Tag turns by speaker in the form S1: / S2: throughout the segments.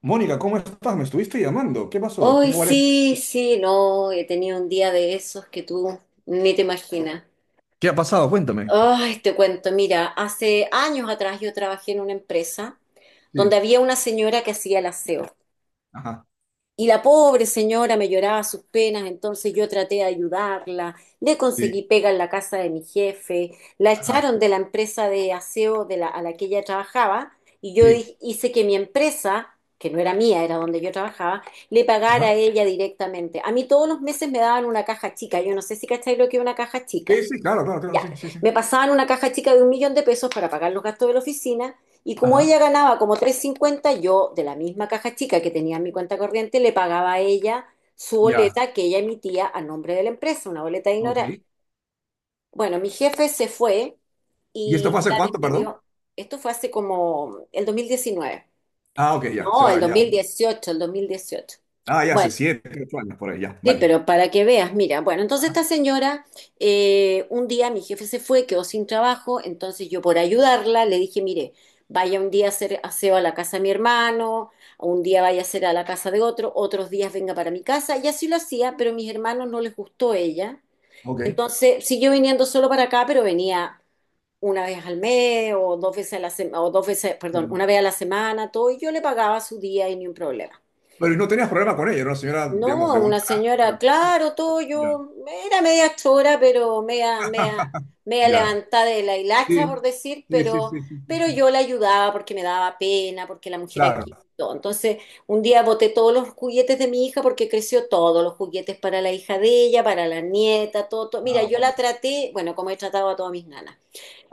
S1: Mónica, ¿cómo estás? Me estuviste llamando. ¿Qué pasó?
S2: Hoy
S1: Tengo varias...
S2: sí, sí, no, he tenido un día de esos que tú ni te imaginas.
S1: ¿Qué ha pasado? Cuéntame.
S2: Ay, te cuento, mira, hace años atrás yo trabajé en una empresa donde
S1: Sí,
S2: había una señora que hacía el aseo.
S1: ajá,
S2: Y la pobre señora me lloraba sus penas, entonces yo traté de ayudarla, le conseguí
S1: sí,
S2: pega en la casa de mi jefe, la
S1: ajá,
S2: echaron de la empresa de aseo a la que ella trabajaba y yo
S1: sí,
S2: hice que mi empresa, que no era mía, era donde yo trabajaba, le pagara a
S1: ajá.
S2: ella directamente. A mí todos los meses me daban una caja chica, yo no sé si cacháis lo que es una caja
S1: Sí,
S2: chica.
S1: sí, claro, claro, claro,
S2: Ya,
S1: sí, sí, sí.
S2: me pasaban una caja chica de 1.000.000 de pesos para pagar los gastos de la oficina, y como ella
S1: Ajá,
S2: ganaba como 350, yo de la misma caja chica que tenía en mi cuenta corriente le pagaba a ella su
S1: ya,
S2: boleta que ella emitía a nombre de la empresa, una boleta de
S1: ok.
S2: ignorar. Bueno, mi jefe se fue
S1: ¿Y esto
S2: y
S1: fue hace
S2: la
S1: cuánto, perdón?
S2: despidió. Esto fue hace como el 2019.
S1: Ah, ok, ya, se
S2: No, el
S1: va,
S2: dos
S1: ya.
S2: mil dieciocho el 2018.
S1: Ah, ya, hace
S2: Bueno,
S1: 7, 8 años por ahí, ya,
S2: sí,
S1: vale.
S2: pero para que veas, mira, bueno, entonces
S1: Ajá,
S2: esta señora, un día mi jefe se fue, quedó sin trabajo, entonces yo por ayudarla le dije, mire, vaya un día a hacer aseo a la casa de mi hermano, un día vaya a hacer a la casa de otro, otros días venga para mi casa, y así lo hacía, pero a mis hermanos no les gustó ella,
S1: ok.
S2: entonces siguió viniendo solo para acá, pero venía una vez al mes o dos veces a la semana, o dos veces, perdón,
S1: Sí.
S2: una vez a la semana, todo, y yo le pagaba su día y ni un problema.
S1: Pero no tenías problema con ella, era una señora, digamos,
S2: No,
S1: de buen
S2: una
S1: carácter.
S2: señora, claro, todo
S1: Ya,
S2: yo, era media chora, pero media, media, media
S1: ya.
S2: levantada de la hilacha, por
S1: Sí,
S2: decir,
S1: sí, sí, sí, sí, sí,
S2: pero
S1: sí.
S2: yo la ayudaba porque me daba pena, porque la mujer
S1: Claro.
S2: aquí, todo. Entonces, un día boté todos los juguetes de mi hija porque creció, todos los juguetes para la hija de ella, para la nieta, todo, todo. Mira,
S1: Ah,
S2: yo
S1: bueno.
S2: la traté, bueno, como he tratado a todas mis nanas.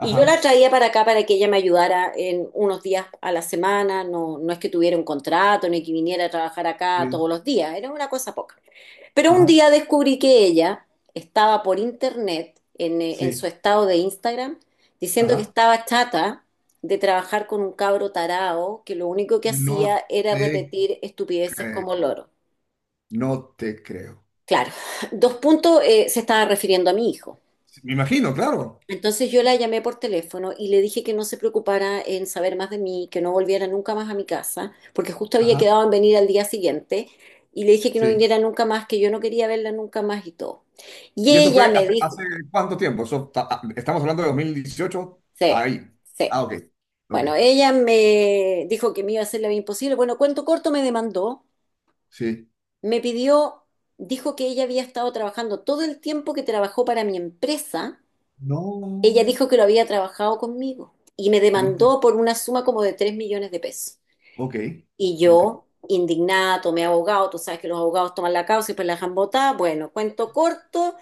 S2: Y yo la traía para acá para que ella me ayudara en unos días a la semana, no, no es que tuviera un contrato ni que viniera a trabajar acá
S1: sí,
S2: todos los días, era una cosa poca. Pero un
S1: ajá,
S2: día descubrí que ella estaba por internet, en su
S1: sí,
S2: estado de Instagram, diciendo que
S1: ajá.
S2: estaba chata de trabajar con un cabro tarao que lo único que
S1: No
S2: hacía era
S1: te
S2: repetir estupideces
S1: creo.
S2: como loro.
S1: No te creo.
S2: Claro, dos puntos, se estaba refiriendo a mi hijo.
S1: Me imagino, claro.
S2: Entonces yo la llamé por teléfono y le dije que no se preocupara en saber más de mí, que no volviera nunca más a mi casa, porque justo había
S1: Ajá,
S2: quedado en venir al día siguiente, y le dije que no
S1: sí.
S2: viniera nunca más, que yo no quería verla nunca más y todo. Y
S1: ¿Y eso
S2: ella
S1: fue
S2: me
S1: hace,
S2: dijo,
S1: hace cuánto tiempo? Estamos hablando de 2018.
S2: sí,
S1: Ahí.
S2: sí,
S1: Ah, ok. Ok.
S2: bueno, ella me dijo que me iba a hacer la vida imposible. Bueno, cuento corto, me demandó,
S1: Sí.
S2: me pidió, dijo que ella había estado trabajando todo el tiempo que trabajó para mi empresa. Ella
S1: No,
S2: dijo que lo había trabajado conmigo, y me
S1: no te.
S2: demandó por una suma como de 3.000.000 de pesos.
S1: Ok,
S2: Y
S1: ok.
S2: yo, indignada, tomé abogado. Tú sabes que los abogados toman la causa y pues la dejan botada. Bueno, cuento corto,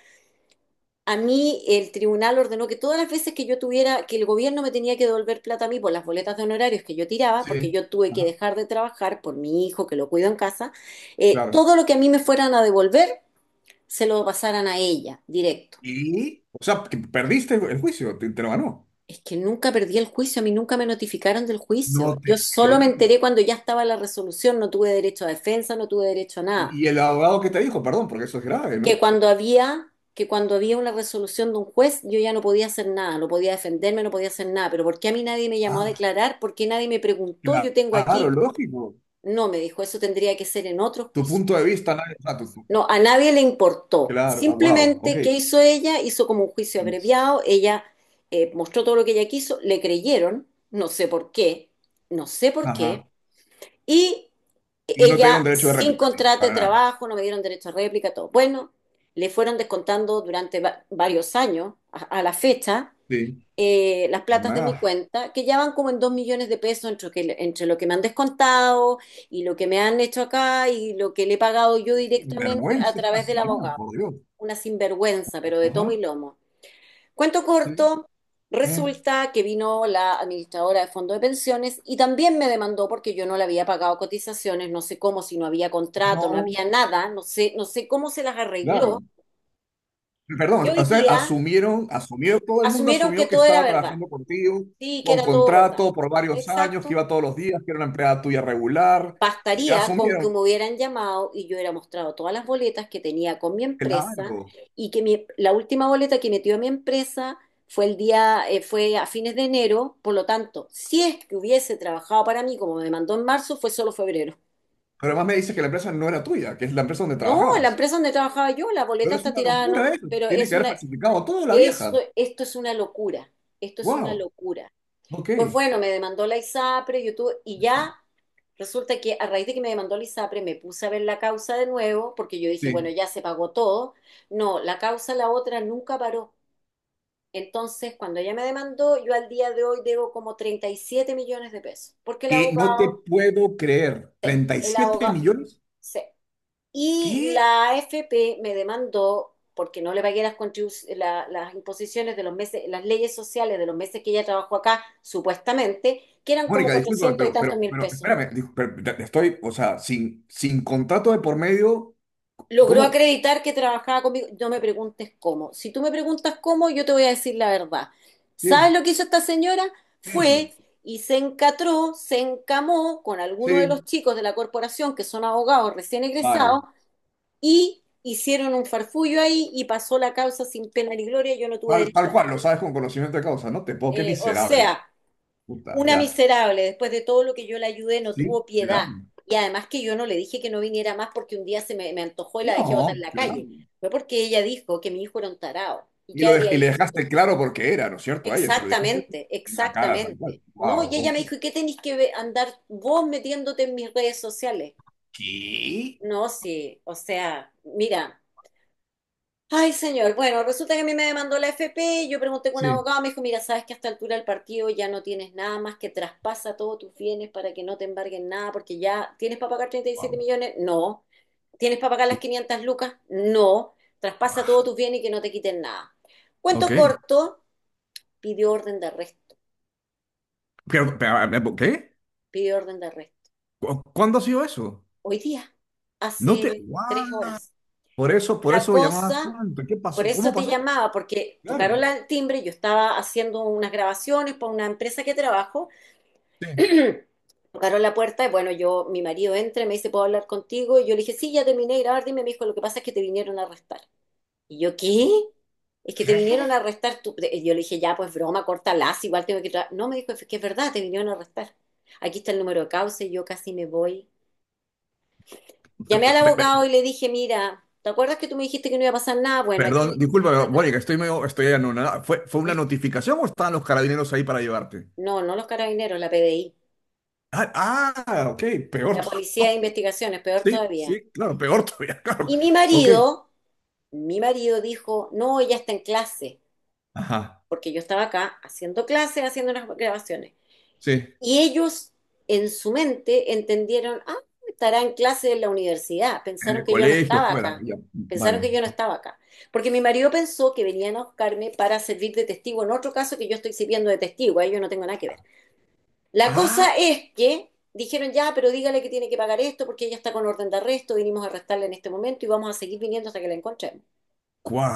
S2: a mí el tribunal ordenó que todas las veces que yo tuviera, que el gobierno me tenía que devolver plata a mí por las boletas de honorarios que yo tiraba,
S1: Sí.
S2: porque yo tuve que
S1: Ajá.
S2: dejar de trabajar por mi hijo que lo cuido en casa,
S1: Claro.
S2: todo lo que a mí me fueran a devolver se lo pasaran a ella, directo.
S1: Y, o sea, que perdiste el juicio, te lo ganó.
S2: Es que nunca perdí el juicio, a mí nunca me notificaron del
S1: No
S2: juicio.
S1: te
S2: Yo solo me
S1: creo.
S2: enteré cuando ya estaba la resolución, no tuve derecho a defensa, no tuve derecho a nada.
S1: Y el abogado que te dijo, perdón, porque eso es grave, ¿no?
S2: Que cuando había una resolución de un juez, yo ya no podía hacer nada, no podía defenderme, no podía hacer nada. Pero ¿por qué a mí nadie me llamó a
S1: Ah,
S2: declarar? ¿Por qué nadie me preguntó? Yo tengo
S1: claro,
S2: aquí.
S1: lógico.
S2: No, me dijo, eso tendría que ser en otro
S1: Tu
S2: juicio.
S1: punto de vista, o sea, tu.
S2: No, a nadie le importó.
S1: Claro, ah, wow, ok.
S2: Simplemente, ¿qué hizo ella? Hizo como un juicio abreviado. Ella mostró todo lo que ella quiso. Le creyeron, no sé por qué, no sé por qué.
S1: Ajá.
S2: Y
S1: Y no te
S2: ella,
S1: dieron derecho de
S2: sin
S1: réplica, sí,
S2: contrato de
S1: para nada.
S2: trabajo, no me dieron derecho a réplica, todo. Bueno, le fueron descontando durante varios años a la fecha,
S1: Sí.
S2: las platas de mi
S1: Más
S2: cuenta, que ya van como en 2.000.000 de pesos entre, entre lo que me han descontado y lo que me han hecho acá y lo que le he pagado yo directamente a
S1: vergüenza esta
S2: través del
S1: señora,
S2: abogado.
S1: por Dios.
S2: Una sinvergüenza, pero de tomo y
S1: Ajá.
S2: lomo. Cuento
S1: Sí.
S2: corto,
S1: Eh,
S2: resulta que vino la administradora de fondo de pensiones y también me demandó porque yo no le había pagado cotizaciones, no sé cómo, si no había contrato, no
S1: No,
S2: había nada, no sé, no sé cómo se las arregló.
S1: claro.
S2: Y
S1: Perdón, o
S2: hoy
S1: sea,
S2: día
S1: asumieron, asumió, todo el mundo
S2: asumieron que
S1: asumió que
S2: todo era
S1: estaba
S2: verdad,
S1: trabajando contigo,
S2: sí, que
S1: con
S2: era todo verdad.
S1: contrato por varios años, que
S2: Exacto.
S1: iba todos los días, que era una empleada tuya regular.
S2: Bastaría con que
S1: Asumieron,
S2: me hubieran llamado y yo hubiera mostrado todas las boletas que tenía con mi empresa,
S1: claro.
S2: y que la última boleta que metió a mi empresa fue a fines de enero, por lo tanto, si es que hubiese trabajado para mí como me mandó en marzo, fue solo febrero.
S1: Pero además me dices que la empresa no era tuya, que es la empresa donde
S2: No, la
S1: trabajabas.
S2: empresa donde trabajaba yo, la boleta
S1: Pero es
S2: está
S1: una
S2: tirada,
S1: locura
S2: no,
S1: eso.
S2: pero
S1: Tiene
S2: es
S1: que haber
S2: una,
S1: falsificado todo la
S2: eso,
S1: vieja.
S2: esto es una locura, esto es una
S1: Wow.
S2: locura. Pues
S1: Ok.
S2: bueno, me demandó la ISAPRE, YouTube, y ya resulta que a raíz de que me demandó la ISAPRE me puse a ver la causa de nuevo, porque yo dije, bueno,
S1: Sí.
S2: ya se pagó todo. No, la causa, la otra, nunca paró. Entonces, cuando ella me demandó, yo al día de hoy debo como 37.000.000 de pesos, porque el
S1: Que no te
S2: abogado,
S1: puedo creer. treinta y
S2: el
S1: siete
S2: abogado,
S1: millones?
S2: sí. Y
S1: ¿Qué?
S2: la AFP me demandó porque no le pagué las, las imposiciones de los meses, las leyes sociales de los meses que ella trabajó acá, supuestamente, que eran como
S1: Mónica, discúlpame,
S2: 400 y
S1: pero, pero,
S2: tantos mil
S1: pero
S2: pesos.
S1: espérame, pero te estoy, o sea, sin contrato de por medio,
S2: Logró
S1: ¿cómo?
S2: acreditar que trabajaba conmigo. No me preguntes cómo. Si tú me preguntas cómo, yo te voy a decir la verdad. ¿Sabes
S1: Sí,
S2: lo que hizo esta señora?
S1: ¿qué hizo?
S2: Fue y se encatró, se encamó con alguno de los
S1: Sí,
S2: chicos de la corporación que son abogados recién egresados,
S1: vale.
S2: y hicieron un farfullo ahí y pasó la causa sin pena ni gloria, yo no tuve
S1: Tal,
S2: derecho a
S1: tal cual, lo
S2: defenderme.
S1: sabes con conocimiento de causa, ¿no? Te puedo, qué
S2: O
S1: miserable.
S2: sea,
S1: Puta,
S2: una
S1: ya.
S2: miserable, después de todo lo que yo le ayudé, no
S1: Sí,
S2: tuvo
S1: claro.
S2: piedad. Y además, que yo no le dije que no viniera más porque un día se me, me antojó y la dejé botar
S1: No,
S2: en la calle.
S1: claro.
S2: Fue porque ella dijo que mi hijo era un tarao. ¿Y
S1: Y,
S2: qué
S1: lo de-
S2: habría
S1: y le
S2: hecho tú?
S1: dejaste claro por qué era, ¿no es cierto? A ella se lo dijiste
S2: Exactamente,
S1: en la cara, tal
S2: exactamente.
S1: cual.
S2: No,
S1: Wow,
S2: y ella
S1: ok.
S2: me dijo, ¿y qué tenés que andar vos metiéndote en mis redes sociales?
S1: ¿Qué?
S2: No, sí, o sea, mira, ay, señor. Bueno, resulta que a mí me demandó la FP, yo pregunté con un
S1: Sí.
S2: abogado, me dijo, mira, sabes que a esta altura del partido ya no tienes nada más que traspasa todos tus bienes para que no te embarguen nada, porque ya tienes para pagar 37.000.000, no. ¿Tienes para pagar las 500 lucas? No. Traspasa
S1: Wow.
S2: todos tus bienes y que no te quiten nada. Cuento
S1: Ok.
S2: corto, pidió orden de arresto,
S1: ¿Qué?
S2: pidió orden de arresto.
S1: ¿Cuándo ha sido eso?
S2: Hoy día,
S1: No te.
S2: hace tres
S1: What?
S2: horas.
S1: Por eso, por
S2: La
S1: eso llamabas
S2: cosa,
S1: tanto. ¿Qué
S2: por
S1: pasó? ¿Cómo
S2: eso te
S1: pasó?
S2: llamaba, porque tocaron
S1: Claro.
S2: el timbre, yo estaba haciendo unas grabaciones para una empresa que trabajo,
S1: Sí.
S2: tocaron la puerta y bueno, yo, mi marido entra y me dice, ¿puedo hablar contigo? Y yo le dije, sí, ya terminé de grabar, dime. Me dijo, lo que pasa es que te vinieron a arrestar. Y yo, ¿qué? Es que te vinieron a arrestar. Tú. Y yo le dije, ya, pues broma, cortalas, igual tengo que trabajar. No, me dijo, es que es verdad, te vinieron a arrestar. Aquí está el número de causa y yo casi me voy.
S1: Pe-
S2: Llamé al
S1: pe-
S2: abogado
S1: pe-
S2: y le dije, mira, ¿te acuerdas que tú me dijiste que no iba a pasar nada? Bueno, aquí me
S1: Perdón, disculpa,
S2: metieron a
S1: pero, bueno, que estoy
S2: rastrería.
S1: medio, estoy anonadado. ¿Fue una
S2: Esto.
S1: notificación o estaban los carabineros ahí para llevarte?
S2: No, no los carabineros, la PDI,
S1: Ok, peor
S2: la
S1: todavía.
S2: Policía de
S1: Ok.
S2: Investigaciones, peor
S1: Sí,
S2: todavía.
S1: sí, claro, peor todavía, claro.
S2: Y
S1: Ok,
S2: mi marido dijo, no, ella está en clase,
S1: ajá,
S2: porque yo estaba acá haciendo clases, haciendo unas grabaciones.
S1: sí.
S2: Y ellos en su mente entendieron, ah, estará en clase en la universidad.
S1: En
S2: Pensaron
S1: el
S2: que yo no
S1: colegio,
S2: estaba
S1: fuera,
S2: acá.
S1: ya,
S2: Pensaron que
S1: vale.
S2: yo no estaba acá. Porque mi marido pensó que venían a buscarme para servir de testigo en otro caso que yo estoy sirviendo de testigo. Ahí yo no tengo nada que ver. La
S1: Ah,
S2: cosa es que dijeron, ya, pero dígale que tiene que pagar esto porque ella está con orden de arresto. Vinimos a arrestarla en este momento y vamos a seguir viniendo hasta que la encontremos.
S1: cuá.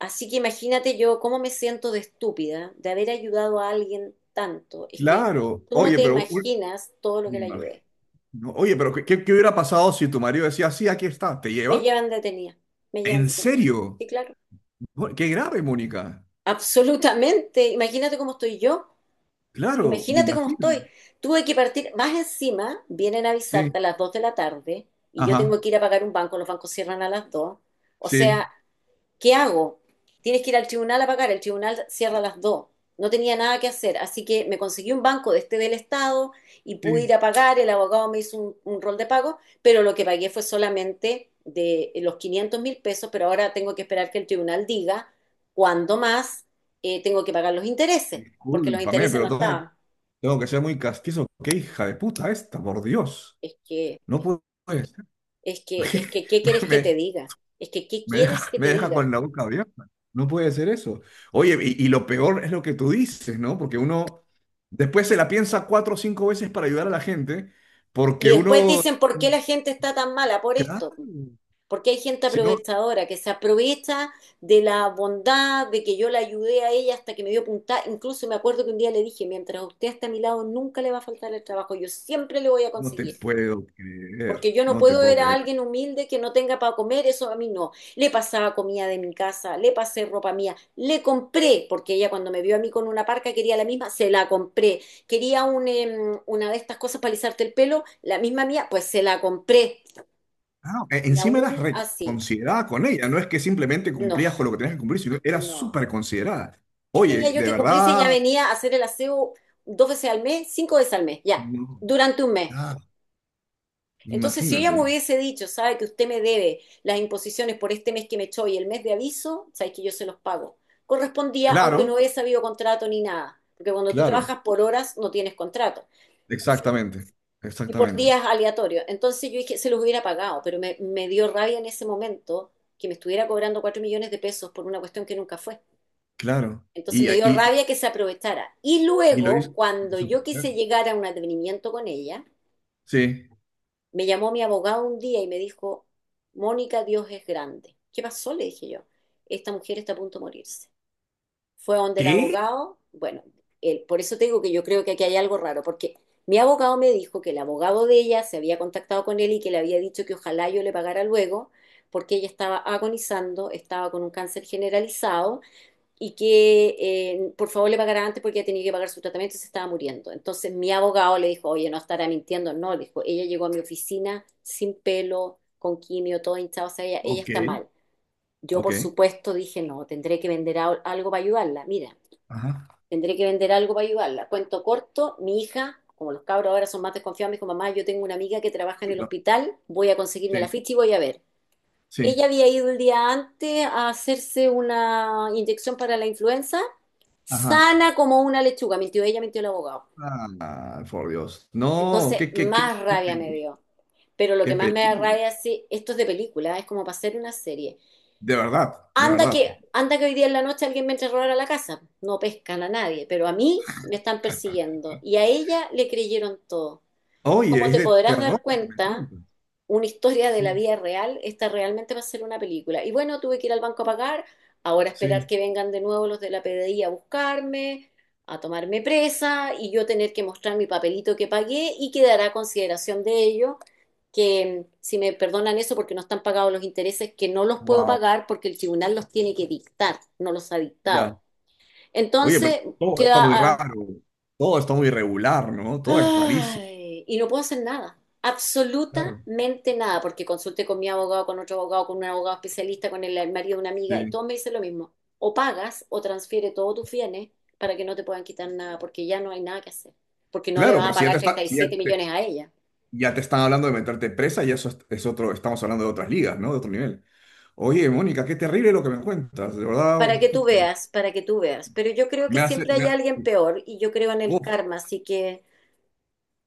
S2: Así que imagínate yo cómo me siento de estúpida de haber ayudado a alguien tanto. Es que
S1: Claro,
S2: tú no
S1: oye,
S2: te
S1: pero
S2: imaginas todo lo
S1: me
S2: que le
S1: imagino.
S2: ayudé.
S1: No, oye, pero ¿qué hubiera pasado si tu marido decía, sí, aquí está, ¿te
S2: Me
S1: llevan?
S2: llevan detenida, me llevan
S1: ¿En
S2: detenida.
S1: serio?
S2: Sí, claro.
S1: Qué grave, Mónica.
S2: Absolutamente. Imagínate cómo estoy yo.
S1: Claro, me
S2: Imagínate cómo
S1: imagino.
S2: estoy. Tuve que partir. Más encima, vienen a avisarte
S1: Sí,
S2: a las 2 de la tarde y yo tengo
S1: ajá,
S2: que ir a pagar un banco. Los bancos cierran a las 2. O sea,
S1: sí,
S2: ¿qué hago? Tienes que ir al tribunal a pagar, el tribunal cierra a las 2. No tenía nada que hacer, así que me conseguí un banco de este del Estado y pude
S1: sí.
S2: ir a pagar, el abogado me hizo un rol de pago, pero lo que pagué fue solamente de los 500.000 pesos, pero ahora tengo que esperar que el tribunal diga cuándo más tengo que pagar los intereses, porque los
S1: Discúlpame,
S2: intereses no
S1: pero tengo,
S2: estaban.
S1: tengo que ser muy castizo. Qué hija de puta esta, por Dios.
S2: Es que,
S1: No puede ser.
S2: es que, ¿qué quieres que te
S1: Me,
S2: diga? Es que, ¿qué
S1: me
S2: quieres
S1: deja,
S2: que
S1: me
S2: te
S1: deja
S2: diga?
S1: con la boca abierta. No puede ser eso. Oye, y lo peor es lo que tú dices, ¿no? Porque uno después se la piensa 4 o 5 veces para ayudar a la gente,
S2: Y
S1: porque
S2: después
S1: uno...
S2: dicen, ¿por qué la gente está tan mala por
S1: Claro.
S2: esto? Porque hay gente
S1: Si no,
S2: aprovechadora que se aprovecha de la bondad, de que yo la ayudé a ella hasta que me dio puntada. Incluso me acuerdo que un día le dije, mientras usted esté a mi lado, nunca le va a faltar el trabajo, yo siempre le voy a
S1: no te
S2: conseguir.
S1: puedo creer,
S2: Porque yo no
S1: no te
S2: puedo
S1: puedo
S2: ver a
S1: creer.
S2: alguien humilde que no tenga para comer, eso a mí no. Le pasaba comida de mi casa, le pasé ropa mía, le compré, porque ella cuando me vio a mí con una parca quería la misma, se la compré. Quería un, una de estas cosas para alisarte el pelo, la misma mía, pues se la compré.
S1: Ah,
S2: Y
S1: encima eras
S2: aún así,
S1: reconsiderada con ella, no es que simplemente
S2: no,
S1: cumplías con lo que tenías que cumplir, sino eras
S2: no.
S1: súper considerada.
S2: ¿Qué tenía
S1: Oye,
S2: yo
S1: de
S2: que cumplir si ella
S1: verdad,
S2: venía a hacer el aseo dos veces al mes, cinco veces al mes, ya,
S1: no,
S2: durante un mes?
S1: ah,
S2: Entonces, si ella me
S1: imagínate.
S2: hubiese dicho, sabe que usted me debe las imposiciones por este mes que me echó y el mes de aviso, sabe que yo se los pago. Correspondía,
S1: Claro,
S2: aunque no hubiese habido contrato ni nada, porque cuando tú
S1: claro,
S2: trabajas por horas no tienes contrato. En fin,
S1: exactamente,
S2: y por
S1: exactamente,
S2: días aleatorios. Entonces yo dije, se los hubiera pagado, pero me dio rabia en ese momento que me estuviera cobrando 4 millones de pesos por una cuestión que nunca fue.
S1: claro.
S2: Entonces
S1: Y,
S2: me dio
S1: y,
S2: rabia que se aprovechara. Y
S1: y lo hizo.
S2: luego, cuando yo
S1: Claro.
S2: quise llegar a un advenimiento con ella,
S1: Sí.
S2: me llamó mi abogado un día y me dijo, Mónica, Dios es grande. ¿Qué pasó? Le dije yo. Esta mujer está a punto de morirse. Fue donde el
S1: ¿Qué?
S2: abogado, bueno, por eso te digo que yo creo que aquí hay algo raro, porque mi abogado me dijo que el abogado de ella se había contactado con él y que le había dicho que ojalá yo le pagara luego, porque ella estaba agonizando, estaba con un cáncer generalizado y que por favor le pagara antes porque ella tenía que pagar su tratamiento y se estaba muriendo. Entonces mi abogado le dijo, oye, no estará mintiendo. No, le dijo, ella llegó a mi oficina sin pelo, con quimio, todo hinchado, o sea, ella
S1: Ok,
S2: está mal. Yo, por
S1: ok.
S2: supuesto, dije, no, tendré que vender algo para ayudarla. Mira,
S1: Ajá.
S2: tendré que vender algo para ayudarla. Cuento corto, mi hija, como los cabros ahora son más desconfiados, me dijo, mamá, yo tengo una amiga que trabaja en
S1: Sí,
S2: el
S1: claro,
S2: hospital, voy a conseguirme la
S1: sí,
S2: ficha y voy a ver.
S1: sí.
S2: Ella había ido el día antes a hacerse una inyección para la influenza,
S1: Ajá.
S2: sana como una lechuga. Mintió ella, mintió el abogado.
S1: Ah, por Dios. No,
S2: Entonces, más
S1: qué
S2: rabia me
S1: peligro,
S2: dio. Pero lo que
S1: qué
S2: más me da
S1: peligro.
S2: rabia es si esto es de película, es como para hacer una serie.
S1: De verdad, de verdad.
S2: Anda que hoy día en la noche alguien me entre a robar a la casa. No pescan a nadie, pero a mí me están persiguiendo. Y a ella le creyeron todo.
S1: Oye,
S2: Como
S1: es
S2: te
S1: de
S2: podrás
S1: terror
S2: dar
S1: lo que me
S2: cuenta,
S1: cuentas.
S2: una historia de la
S1: Sí,
S2: vida real está realmente para ser una película. Y bueno, tuve que ir al banco a pagar, ahora esperar
S1: sí.
S2: que vengan de nuevo los de la PDI a buscarme, a tomarme presa y yo tener que mostrar mi papelito que pagué y quedará a consideración de ellos que si me perdonan eso porque no están pagados los intereses, que no los puedo
S1: Wow,
S2: pagar porque el tribunal los tiene que dictar, no los ha
S1: ya.
S2: dictado.
S1: Oye, pero
S2: Entonces,
S1: todo está muy
S2: queda a,
S1: raro. Todo está muy irregular, ¿no? Todo es rarísimo.
S2: ay, y no puedo hacer nada,
S1: Claro.
S2: absolutamente nada, porque consulté con mi abogado, con otro abogado, con un abogado especialista, con el marido de una amiga, y
S1: Sí.
S2: todos me dicen lo mismo. O pagas o transfiere todos tus bienes para que no te puedan quitar nada, porque ya no hay nada que hacer, porque no le
S1: Claro,
S2: vas
S1: pero
S2: a
S1: si ya te
S2: pagar
S1: está,
S2: treinta y
S1: si ya
S2: siete
S1: te,
S2: millones a ella.
S1: ya te están hablando de meterte presa, y eso es otro, estamos hablando de otras ligas, ¿no? De otro nivel. Oye, Mónica, qué terrible lo que me cuentas. De
S2: Para
S1: verdad,
S2: que tú veas, para que tú veas. Pero yo creo que
S1: me hace,
S2: siempre
S1: me
S2: hay
S1: ha-
S2: alguien peor y yo creo en el
S1: uf,
S2: karma, así que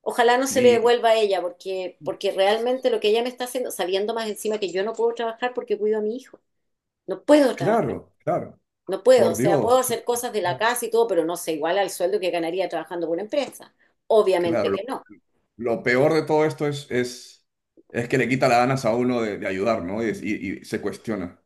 S2: ojalá no se le
S1: y-
S2: devuelva a ella, porque, porque realmente lo que ella me está haciendo, sabiendo más encima que yo no puedo trabajar porque cuido a mi hijo. No puedo trabajar,
S1: claro, claro,
S2: no puedo. O
S1: por
S2: sea,
S1: Dios.
S2: puedo
S1: o sea,
S2: hacer cosas
S1: o
S2: de la
S1: sea,
S2: casa y todo, pero no sé, igual al sueldo que ganaría trabajando por una empresa. Obviamente
S1: claro,
S2: que
S1: lo,
S2: no.
S1: lo peor de todo esto es que le quita las ganas a uno de ayudar, ¿no? Y se cuestiona.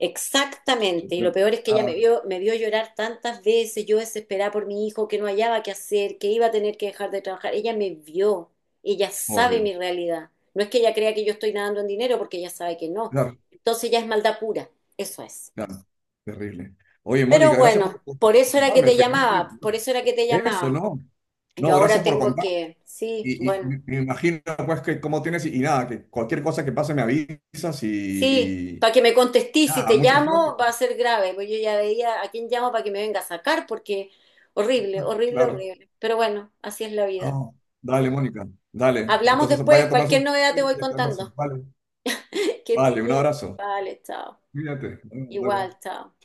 S2: Exactamente. Y lo
S1: Cuestiona.
S2: peor es que ella
S1: Ah,
S2: me vio llorar tantas veces, yo desesperada por mi hijo, que no hallaba qué hacer, que iba a tener que dejar de trabajar. Ella me vio, ella
S1: por
S2: sabe
S1: Dios.
S2: mi realidad. No es que ella crea que yo estoy nadando en dinero, porque ella sabe que no.
S1: Claro,
S2: Entonces ya es maldad pura, eso es.
S1: claro, terrible. Oye,
S2: Pero
S1: Mónica, gracias por,
S2: bueno,
S1: por
S2: por eso era que
S1: contarme.
S2: te
S1: Felizmente,
S2: llamaba, por eso era que te
S1: eso,
S2: llamaba.
S1: ¿no?
S2: Yo
S1: No, gracias
S2: ahora
S1: por
S2: tengo
S1: contarme.
S2: que, sí,
S1: Y
S2: bueno,
S1: me imagino, pues, que cómo tienes y nada, que cualquier cosa que pase me avisas y,
S2: sí,
S1: y
S2: para que me contestís, si
S1: nada,
S2: te
S1: mucha suerte
S2: llamo va
S1: con
S2: a
S1: eso.
S2: ser grave, pues yo ya veía a quién llamo para que me venga a sacar, porque horrible, horrible,
S1: Claro.
S2: horrible. Pero bueno, así es la vida.
S1: Ah, dale, Mónica, dale.
S2: Hablamos
S1: Entonces vaya a
S2: después,
S1: tomarse un
S2: cualquier novedad
S1: tiempo
S2: te voy
S1: y a calmarse.
S2: contando.
S1: Vale,
S2: Que estés
S1: vale, un
S2: bien.
S1: abrazo.
S2: Vale, chao.
S1: Cuídate. Bueno, bye,
S2: Igual,
S1: bye.
S2: chao.